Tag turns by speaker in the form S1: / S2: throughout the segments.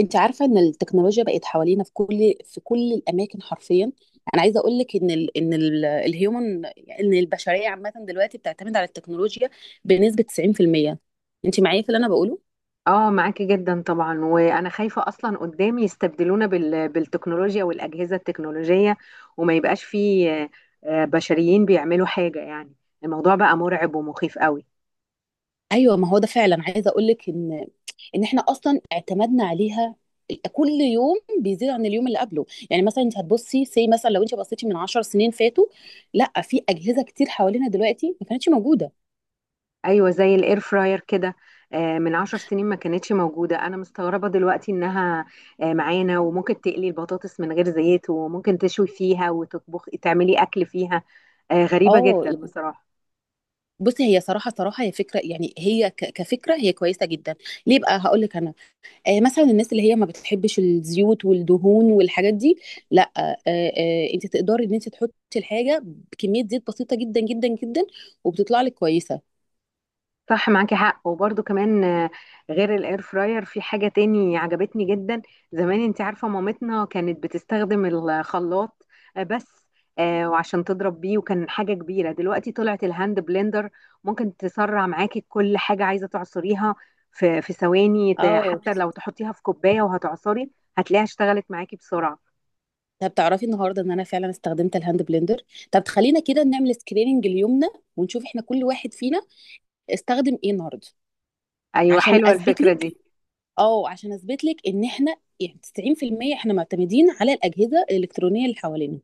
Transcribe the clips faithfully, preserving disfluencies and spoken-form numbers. S1: انت عارفه ان التكنولوجيا بقت حوالينا في كل في كل الاماكن حرفيا. انا عايزه اقول لك ان ال ان ال الهيومن ان البشريه عامه دلوقتي بتعتمد على التكنولوجيا بنسبه تسعين في المية. انت معايا في اللي انا بقوله؟
S2: اه معاكي جدا طبعا، وانا خايفه اصلا قدام يستبدلونا بال... بالتكنولوجيا والاجهزه التكنولوجيه، وما يبقاش فيه آه، آه، بشريين بيعملوا حاجه يعني. الموضوع بقى مرعب ومخيف قوي.
S1: ايوه، ما هو ده فعلا. عايزه اقول لك ان ان احنا اصلا اعتمدنا عليها، كل يوم بيزيد عن اليوم اللي قبله. يعني مثلا انت هتبصي سي، مثلا لو انت بصيتي من عشر سنين فاتوا، لا، في اجهزه كتير حوالينا دلوقتي ما كانتش موجوده.
S2: ايوه، زي الاير فراير كده. آه، من عشر سنين ما كانتش موجوده. انا مستغربه دلوقتي انها آه، معانا، وممكن تقلي البطاطس من غير زيت وممكن تشوي فيها وتطبخ تعملي اكل فيها. آه، غريبه
S1: اه،
S2: جدا بصراحه.
S1: بصي، هي صراحة صراحة هي فكرة. يعني هي ك- كفكرة هي كويسة جدا. ليه بقى؟ هقول لك أنا. آه، مثلا الناس اللي هي ما بتحبش الزيوت والدهون والحاجات دي، لا آه آه أنت تقدري إن أنت تحطي الحاجة بكمية زيت بسيطة جدا جدا جدا وبتطلع لك كويسة.
S2: صح، معاكي حق، وبرده كمان آه، غير الاير فراير في حاجة تاني عجبتني جدا. زمان انت عارفة مامتنا كانت بتستخدم الخلاط آه، بس آه، وعشان تضرب بيه، وكان حاجة كبيرة. دلوقتي طلعت الهاند بلندر، ممكن تسرع معاكي كل حاجة عايزة تعصريها في في ثواني، ت-
S1: أو
S2: حتى لو تحطيها في كوباية وهتعصري هتلاقيها اشتغلت معاكي بسرعة.
S1: طب تعرفي النهاردة إن أنا فعلا استخدمت الهاند بلندر؟ طب خلينا كده نعمل سكريننج اليومنا ونشوف إحنا كل واحد فينا استخدم إيه النهاردة
S2: ايوه،
S1: عشان
S2: حلوة
S1: أثبت
S2: الفكرة
S1: لك.
S2: دي.
S1: اه، عشان اثبت لك ان احنا يعني تسعين في المية احنا معتمدين على الاجهزه الالكترونيه اللي حوالينا.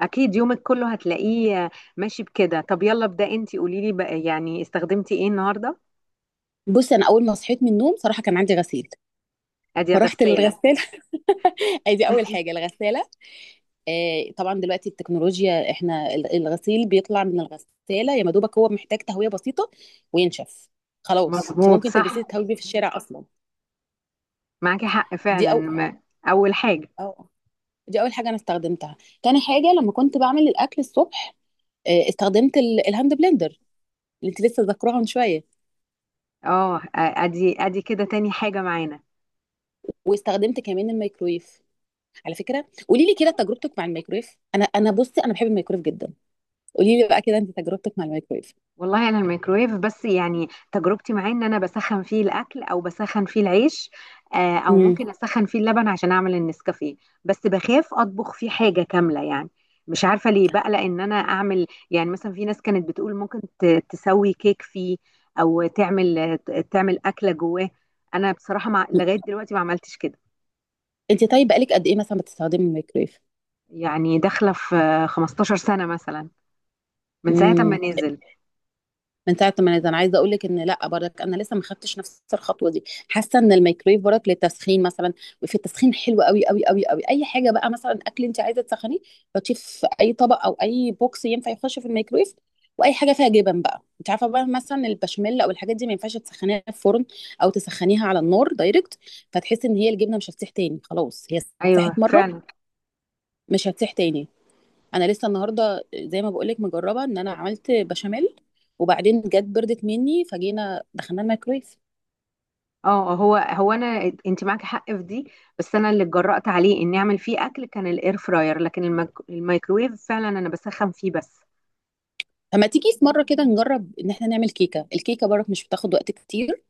S2: اكيد يومك كله هتلاقيه آه، ماشي بكده. طب يلا ابدأ انت، قوليلي بقى يعني استخدمتي ايه النهاردة.
S1: بصي، انا اول ما صحيت من النوم صراحه كان عندي غسيل،
S2: ادي
S1: فرحت
S2: غسالة.
S1: للغساله. ادي اول حاجه الغساله. آه، طبعا دلوقتي التكنولوجيا احنا ال- الغسيل بيطلع من الغساله يا مدوبك، هو محتاج تهويه بسيطه وينشف. خلاص انت
S2: مظبوط،
S1: ممكن تلبسيه
S2: صح،
S1: تهوي بيه في الشارع اصلا.
S2: معاكي حق
S1: دي
S2: فعلا،
S1: او
S2: ما اول حاجة.
S1: أو دي اول حاجه انا استخدمتها. تاني حاجه لما كنت بعمل الاكل الصبح آه، استخدمت ال- الهاند بلندر اللي انت لسه ذاكراها من شويه.
S2: اه، ادي ادي كده تاني حاجة معانا.
S1: واستخدمت كمان الميكرويف. على فكره، قولي لي كده تجربتك مع الميكرويف. انا انا بصي انا بحب الميكرويف جدا. قولي لي بقى كده انت تجربتك مع الميكرويف.
S2: والله انا الميكرويف بس، يعني تجربتي معاه ان انا بسخن فيه الاكل او بسخن فيه العيش، آه، او
S1: امم.
S2: ممكن اسخن فيه اللبن عشان اعمل النسكافيه. بس بخاف اطبخ فيه حاجة كاملة يعني. مش عارفة ليه بقلق ان انا اعمل، يعني مثلا في ناس كانت بتقول ممكن ت- تسوي كيك فيه، او تعمل تعمل اكلة جواه. انا بصراحة مع لغاية دلوقتي ما عملتش كده.
S1: انت طيب بقالك قد ايه مثلا بتستخدمي الميكرويف؟
S2: يعني داخله في 15 سنه مثلا، من ساعه ما
S1: امم.
S2: نزل.
S1: من ساعه ما ده انا عايزه اقول لك ان لا برك، انا لسه ما خدتش نفس الخطوه دي، حاسه ان الميكرويف برك للتسخين مثلا. وفي التسخين حلو قوي قوي قوي قوي. اي حاجه بقى مثلا اكل انت عايزه تسخنيه، حطيه في اي طبق او اي بوكس ينفع يخش في الميكرويف. واي حاجه فيها جبن بقى انت عارفه، بقى مثلا البشاميل او الحاجات دي ما ينفعش تسخنيها في فرن او تسخنيها على النار دايركت، فتحسي ان هي الجبنه مش هتسيح تاني. خلاص هي
S2: ايوه،
S1: ساحت مره،
S2: فعلا.
S1: مش هتسيح تاني. انا لسه النهارده زي ما بقولك مجربه ان انا عملت بشاميل وبعدين جت بردت مني فجينا دخلنا الميكرويف.
S2: اه، هو هو انا، انت معاك حق في دي، بس انا اللي اتجرأت عليه اني اعمل فيه اكل كان الاير فراير، لكن الميك... الميكرويف فعلا انا بسخن فيه بس.
S1: فما تيجي في مره كده نجرب ان احنا نعمل كيكه. الكيكه برك مش بتاخد وقت كتير،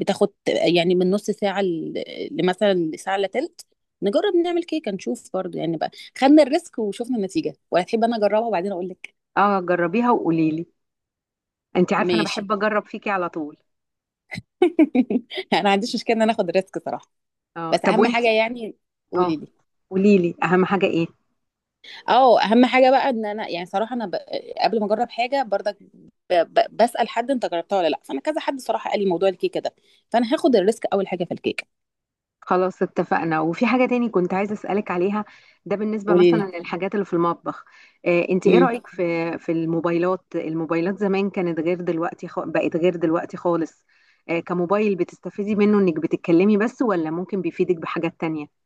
S1: بتاخد يعني من نص ساعه ل- لمثلا ساعه الا تلت. نجرب نعمل كيكه نشوف برضو يعني بقى خدنا الريسك وشوفنا النتيجه، ولا تحب انا اجربها وبعدين اقول لك؟
S2: اه، جربيها وقولي لي، انت عارفه انا
S1: ماشي.
S2: بحب اجرب فيكي على طول.
S1: انا ما عنديش مشكله ان انا اخد الريسك صراحه.
S2: اه،
S1: بس
S2: طب
S1: اهم
S2: وانت.
S1: حاجه يعني.
S2: اه،
S1: قولي لي.
S2: قولي لي اهم حاجه ايه.
S1: اه، اهم حاجه بقى ان انا يعني صراحه انا ب... قبل ما اجرب حاجه برضك ب... ب... بسال حد انت جربتها ولا لا، فانا كذا حد صراحه قال لي موضوع الكيكه ده، فانا هاخد الريسك اول حاجه في الكيكه.
S2: خلاص، اتفقنا. وفي حاجة تاني كنت عايزة أسألك عليها، ده بالنسبة
S1: قولي
S2: مثلا
S1: لي.
S2: للحاجات اللي في المطبخ. آه، انت ايه
S1: امم.
S2: رأيك في في الموبايلات؟ الموبايلات زمان كانت غير دلوقتي، خ... بقت غير دلوقتي خالص. آه، كموبايل بتستفيدي منه انك بتتكلمي بس، ولا ممكن بيفيدك بحاجات تانية؟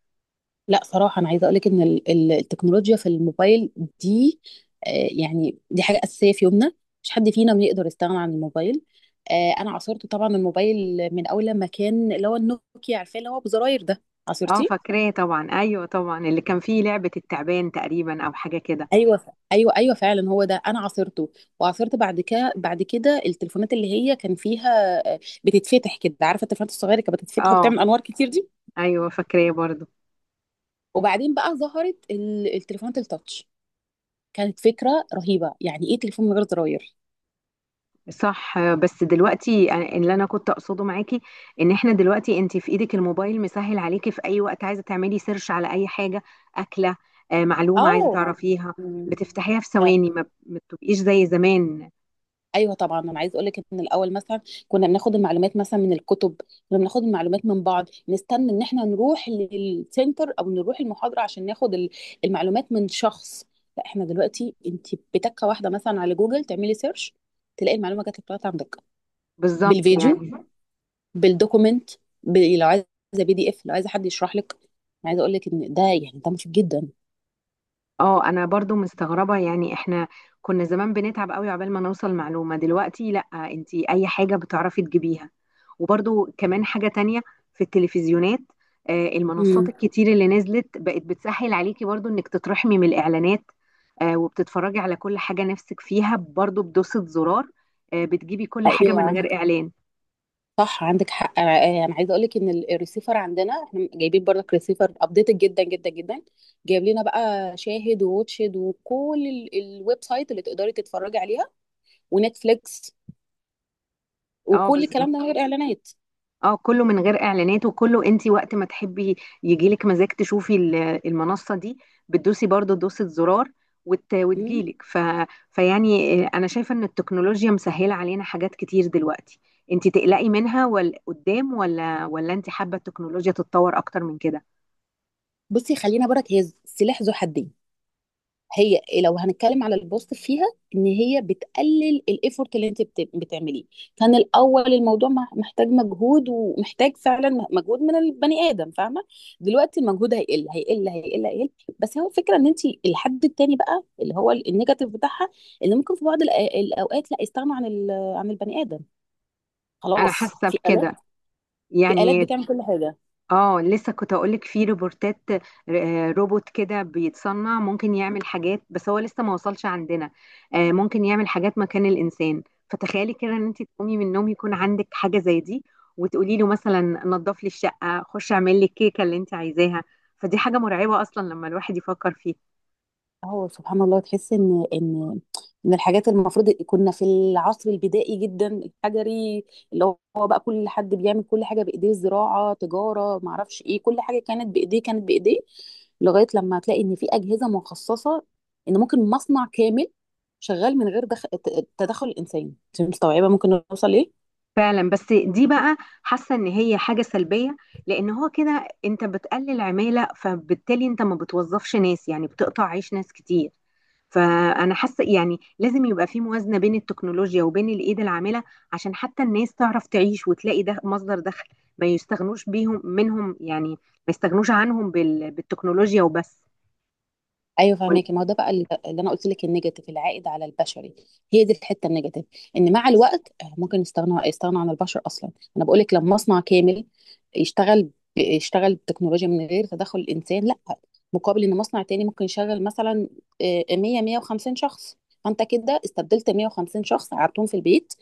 S1: لا صراحه انا عايزه اقول لك ان ال... ال- التكنولوجيا في الموبايل دي آه، يعني دي حاجه اساسيه في يومنا. مش حد فينا بيقدر يستغنى عن الموبايل. آه، انا عاصرت طبعا الموبايل من اول لما كان اللي هو النوكيا عارفاه اللي هو بزراير ده.
S2: اه،
S1: عصرتي؟
S2: فاكراه طبعا، ايوه طبعا، اللي كان فيه لعبة التعبان تقريبا او حاجة كده.
S1: ايوه ايوه ايوه فعلا، هو ده انا عاصرته. وعاصرت بعد كده بعد كده التليفونات اللي هي كان فيها آه، بتتفتح كده. عارفه التليفونات الصغيره اللي كانت بتتفتح
S2: اه،
S1: وبتعمل انوار كتير دي؟
S2: ايوه، فاكراه برضه.
S1: وبعدين بقى ظهرت ال- التليفونات التاتش. كانت فكره رهيبه، يعني ايه تليفون من غير زراير؟
S2: صح، بس دلوقتي أنا- اللي انا كنت اقصده معاكي ان احنا دلوقتي انت في ايدك الموبايل، مسهل عليكي في اي وقت عايزه تعملي سيرش على اي حاجه، اكله، آه، معلومه عايزه
S1: اه ما
S2: تعرفيها، بتفتحيها في ثواني، ما ما بتبقيش زي زمان.
S1: ايوه طبعا. انا عايز اقول لك ان الاول مثلا كنا بناخد المعلومات مثلا من الكتب. كنا بناخد المعلومات من بعض، نستنى ان احنا نروح للسنتر او نروح المحاضره عشان ناخد ال- المعلومات من شخص. لا احنا دلوقتي انت بتكه واحده مثلا على جوجل تعملي سيرش تلاقي المعلومه جات لك لغايه عندك.
S2: بالظبط
S1: بالفيديو،
S2: يعني.
S1: بالدوكومنت، ب- لو عايزه بي دي اف، لو عايزه حد يشرح لك. أنا عايزه اقول لك ان ده يعني ده مفيد جدا.
S2: اه، انا برضو مستغربة. يعني احنا كنا زمان بنتعب قوي عقبال ما نوصل معلومة، دلوقتي لا، انتي اي حاجة بتعرفي تجيبيها. وبرضو كمان حاجة تانية في التلفزيونات، آه، المنصات
S1: مم.
S2: الكتير اللي نزلت بقت بتسهل عليكي برضو انك تترحمي من الاعلانات. آه، وبتتفرجي على كل حاجة نفسك فيها برضو بدوسة زرار. آه، بتجيبي كل حاجة من
S1: ايوه
S2: غير اعلان.
S1: صح، عندك حق. انا أنا عايزه اقول لك ان ال- الريسيفر عندنا، احنا جايبين برضك ريسيفر ابديتد جدا جدا جدا. جايب لنا بقى شاهد ووتشد وكل ال- الويب سايت اللي تقدري تتفرجي عليها ونتفليكس
S2: اه،
S1: وكل الكلام
S2: بالظبط.
S1: ده من غير اعلانات.
S2: اه، كله من غير اعلانات، وكله انت وقت ما تحبي يجيلك مزاج تشوفي ال- المنصه دي، بتدوسي برضو دوسه زرار وت...
S1: مم.
S2: وتجيلك ف... فيعني آه، انا شايفه ان التكنولوجيا مسهله علينا حاجات كتير دلوقتي. انت تقلقي منها، ولا قدام، ولا ولا انت حابه التكنولوجيا تتطور اكتر من كده؟
S1: بصي خلينا برك، هي سلاح ذو حدين. هي إيه، لو هنتكلم على البوست فيها، ان هي بتقلل الايفورت اللي انت بت- بتعمليه. كان الاول الموضوع مح- محتاج مجهود ومحتاج فعلا مجهود من البني ادم، فاهمه. دلوقتي المجهود هيقل هيقل هيقل هيقل. بس هو فكره ان انت الحد التاني بقى اللي هو ال- النيجاتيف بتاعها، ان ممكن في بعض الأ- الاوقات لا يستغنوا عن ال- عن البني ادم.
S2: انا
S1: خلاص،
S2: حاسه
S1: في
S2: بكده،
S1: الات في الات
S2: يعني.
S1: بتعمل كل حاجه.
S2: اه، لسه كنت اقولك في روبوتات، آه، روبوت كده بيتصنع ممكن يعمل حاجات، بس هو لسه ما وصلش عندنا. آه، ممكن يعمل حاجات مكان الانسان. فتخيلي كده ان انت تقومي من النوم، يكون عندك حاجة زي دي، وتقولي له مثلا نظف لي الشقة، خش اعمل لي الكيكة اللي انت عايزاها. فدي حاجة مرعبة اصلا لما الواحد يفكر فيها.
S1: هو سبحان الله، تحس ان ان من الحاجات المفروض كنا في العصر البدائي جدا الحجري، اللي هو بقى كل حد بيعمل كل حاجه بايديه، زراعه، تجاره، ما اعرفش ايه، كل حاجه كانت بايديه كانت بايديه. لغايه لما تلاقي ان في اجهزه مخصصه، ان ممكن مصنع كامل شغال من غير دخ... ت- تدخل الانسان. انت مستوعبه ممكن نوصل ليه؟
S2: فعلا، بس دي بقى حاسه ان هي حاجه سلبيه، لان هو كده انت بتقلل عماله، فبالتالي انت ما بتوظفش ناس، يعني بتقطع عيش ناس كتير. فانا حاسه يعني لازم يبقى في موازنه بين التكنولوجيا وبين الايد العامله، عشان حتى الناس تعرف تعيش وتلاقي ده مصدر دخل، ما يستغنوش بيهم منهم، يعني ما يستغنوش عنهم بال- بالتكنولوجيا وبس.
S1: ايوه فهماكي. ما هو ده بقى اللي اللي انا قلت لك، النيجاتيف العائد على البشري، هي دي الحته النيجاتيف، ان مع الوقت آه، ممكن يستغنوا يستغنوا عن البشر اصلا. انا بقول لك لما مصنع كامل يشتغل ب- يشتغل بتكنولوجيا من غير تدخل الانسان، لا، مقابل ان مصنع تاني ممكن يشغل مثلا آه، مية ميه وخمسين شخص، فانت كده استبدلت ميه وخمسين شخص قعدتهم في البيت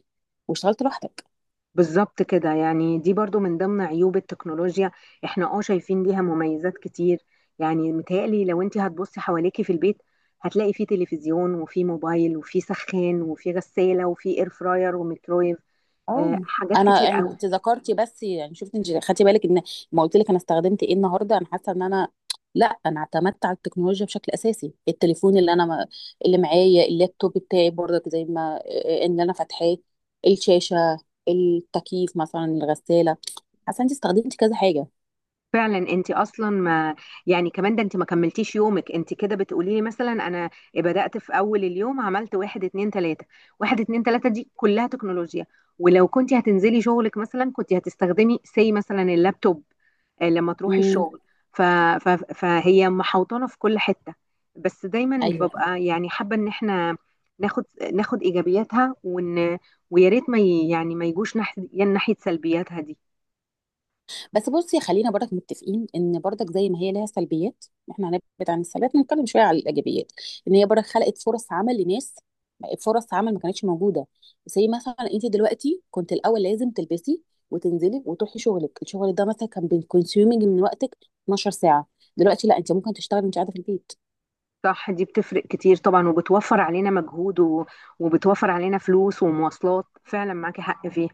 S1: واشتغلت لوحدك.
S2: بالظبط كده، يعني دي برضو من ضمن عيوب التكنولوجيا. احنا اه شايفين ليها مميزات كتير. يعني متهيألي لو انت هتبصي حواليكي في البيت، هتلاقي فيه تلفزيون، وفيه موبايل، وفيه سخان، وفيه غسالة، وفيه اير فراير، وميكرويف. آه
S1: اه،
S2: حاجات
S1: انا
S2: كتير
S1: يعني
S2: قوي.
S1: انت ذكرتي بس، يعني شفت، انت خدتي بالك ان ما قلت لك انا استخدمت ايه النهارده؟ انا حاسه ان انا لا، انا اعتمدت على التكنولوجيا بشكل اساسي. التليفون، اللي انا ما... اللي معايا، اللابتوب بتاعي برضك زي ما ان انا فاتحاه، الشاشه، التكييف مثلا، الغساله. حاسه انت استخدمتي كذا حاجه.
S2: فعلا انت اصلا ما، يعني كمان، ده انت ما كملتيش يومك. انت كده بتقولي لي: مثلا انا بدأت في اول اليوم، عملت واحد اتنين تلاتة. واحد اتنين تلاتة دي كلها تكنولوجيا. ولو كنت هتنزلي شغلك مثلا كنت هتستخدمي سي مثلا اللابتوب آه، لما تروحي
S1: امم.
S2: الشغل. ف... ف... فهي محوطانة في كل حتة. بس دايما
S1: ايوه،
S2: ببقى يعني حابة ان احنا ناخد ناخد ايجابياتها، وان ويا ريت ما ي... يعني ما يجوش ناحية ناحية سلبياتها دي.
S1: بس بصي خلينا برضك متفقين ان برضك زي ما هي لها سلبيات، احنا هنبعد عن السلبيات نتكلم شويه على الايجابيات. ان هي برضك خلقت فرص عمل لناس، فرص عمل ما كانتش موجوده. زي مثلا انت دلوقتي، كنت الاول لازم تلبسي وتنزلي وتروحي شغلك. الشغل ده مثلا كان بيكونسيومينج من وقتك اثنا عشر ساعه. دلوقتي لا، انت ممكن تشتغلي وانت قاعده في البيت.
S2: صح، دي بتفرق كتير طبعا، وبتوفر علينا مجهود و... وبتوفر علينا فلوس ومواصلات، فعلا معاكي حق فيه.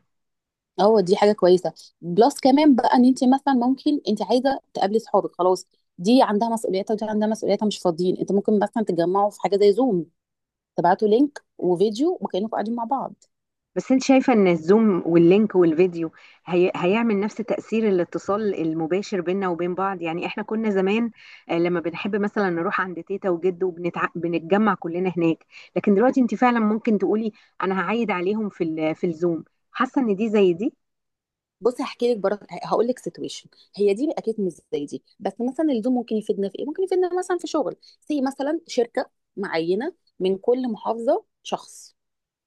S1: اه دي حاجه كويسه. بلس كمان بقى ان انت مثلا ممكن انت عايزه تقابلي صحابك، خلاص، دي عندها مسؤولياتها ودي عندها مسؤولياتها، مش فاضيين، انت ممكن مثلا تتجمعوا في حاجه زي زوم، تبعتوا لينك وفيديو وكانكم قاعدين مع بعض.
S2: بس انت شايفة ان الزوم واللينك والفيديو هي... هيعمل نفس تأثير الاتصال المباشر بيننا وبين بعض؟ يعني احنا كنا زمان آه، لما بنحب مثلا نروح عند تيتا وجد، وبنتع... بنتجمع كلنا هناك. لكن دلوقتي انت فعلا ممكن تقولي انا هعيد عليهم في ال... في الزوم. حاسة ان دي زي دي؟
S1: بصي هحكي لك برضه هقول لك سيتويشن. هي دي اكيد مش زي دي، بس مثلا الزوم ممكن يفيدنا في ايه؟ ممكن يفيدنا مثلا في شغل، زي مثلا شركه معينه من كل محافظه شخص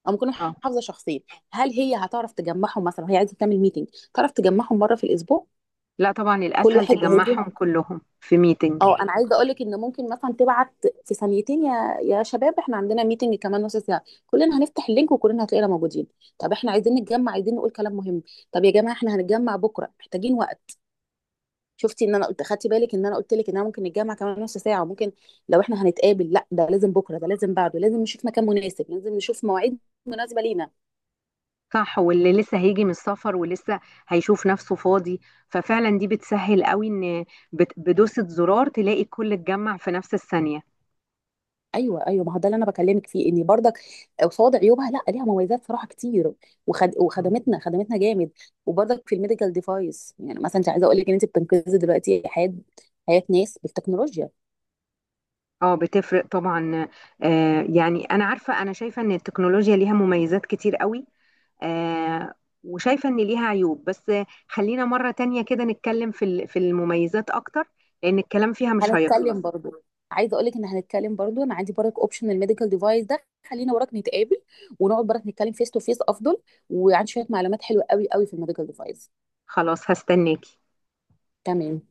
S1: او ممكن
S2: اه،
S1: محافظه شخصين. هل هي هتعرف تجمعهم مثلا وهي عايزه تعمل ميتنج؟ تعرف تجمعهم مره في الاسبوع؟
S2: لا طبعا،
S1: كل
S2: الاسهل
S1: واحد هيجي.
S2: تجمعهم كلهم في ميتنج.
S1: اه، انا عايزه اقول لك ان ممكن مثلا تبعت في ثانيتين يا يا شباب، احنا عندنا ميتنج كمان نص ساعه، كلنا هنفتح اللينك وكلنا هتلاقينا موجودين. طب احنا عايزين نتجمع، عايزين نقول كلام مهم. طب يا جماعه احنا هنتجمع بكره، محتاجين وقت. شفتي ان انا قلت، خدتي بالك ان انا قلت لك ان انا ممكن نتجمع كمان نص ساعه؟ وممكن لو احنا هنتقابل لا، ده لازم بكره، ده لازم بعده، لازم نشوف مكان مناسب، لازم نشوف مواعيد مناسبه لينا.
S2: صح، واللي لسه هيجي من السفر ولسه هيشوف نفسه فاضي. ففعلا دي بتسهل قوي ان بت- بدوسة زرار تلاقي الكل اتجمع في نفس الثانية.
S1: ايوه ايوه، ما هو ده اللي انا بكلمك فيه، ان برضك قصاد عيوبها لا ليها مميزات صراحه كتير، وخد... وخدمتنا خدمتنا جامد. وبرضك في الميديكال ديفايس، يعني مثلا انت عايزه اقول لك ان انت بتنقذي دلوقتي حياه حياه ناس بالتكنولوجيا.
S2: اه، بتفرق طبعا. آه يعني انا عارفة، انا شايفة ان التكنولوجيا ليها مميزات كتير قوي، آه وشايفة ان ليها عيوب. بس خلينا مرة تانية كده نتكلم في ال- في المميزات اكتر، لان الكلام فيها مش هيخلص.
S1: هنتكلم برضو، عايزه اقول لك ان هنتكلم برضو، انا عندي برضك اوبشن الميديكال ديفايس ده. خلينا وراك نتقابل ونقعد برضك نتكلم فيس تو فيس افضل. وعندي شويه معلومات حلوه قوي قوي في الميديكال ديفايس.
S2: خلاص، هستناكي.
S1: تمام.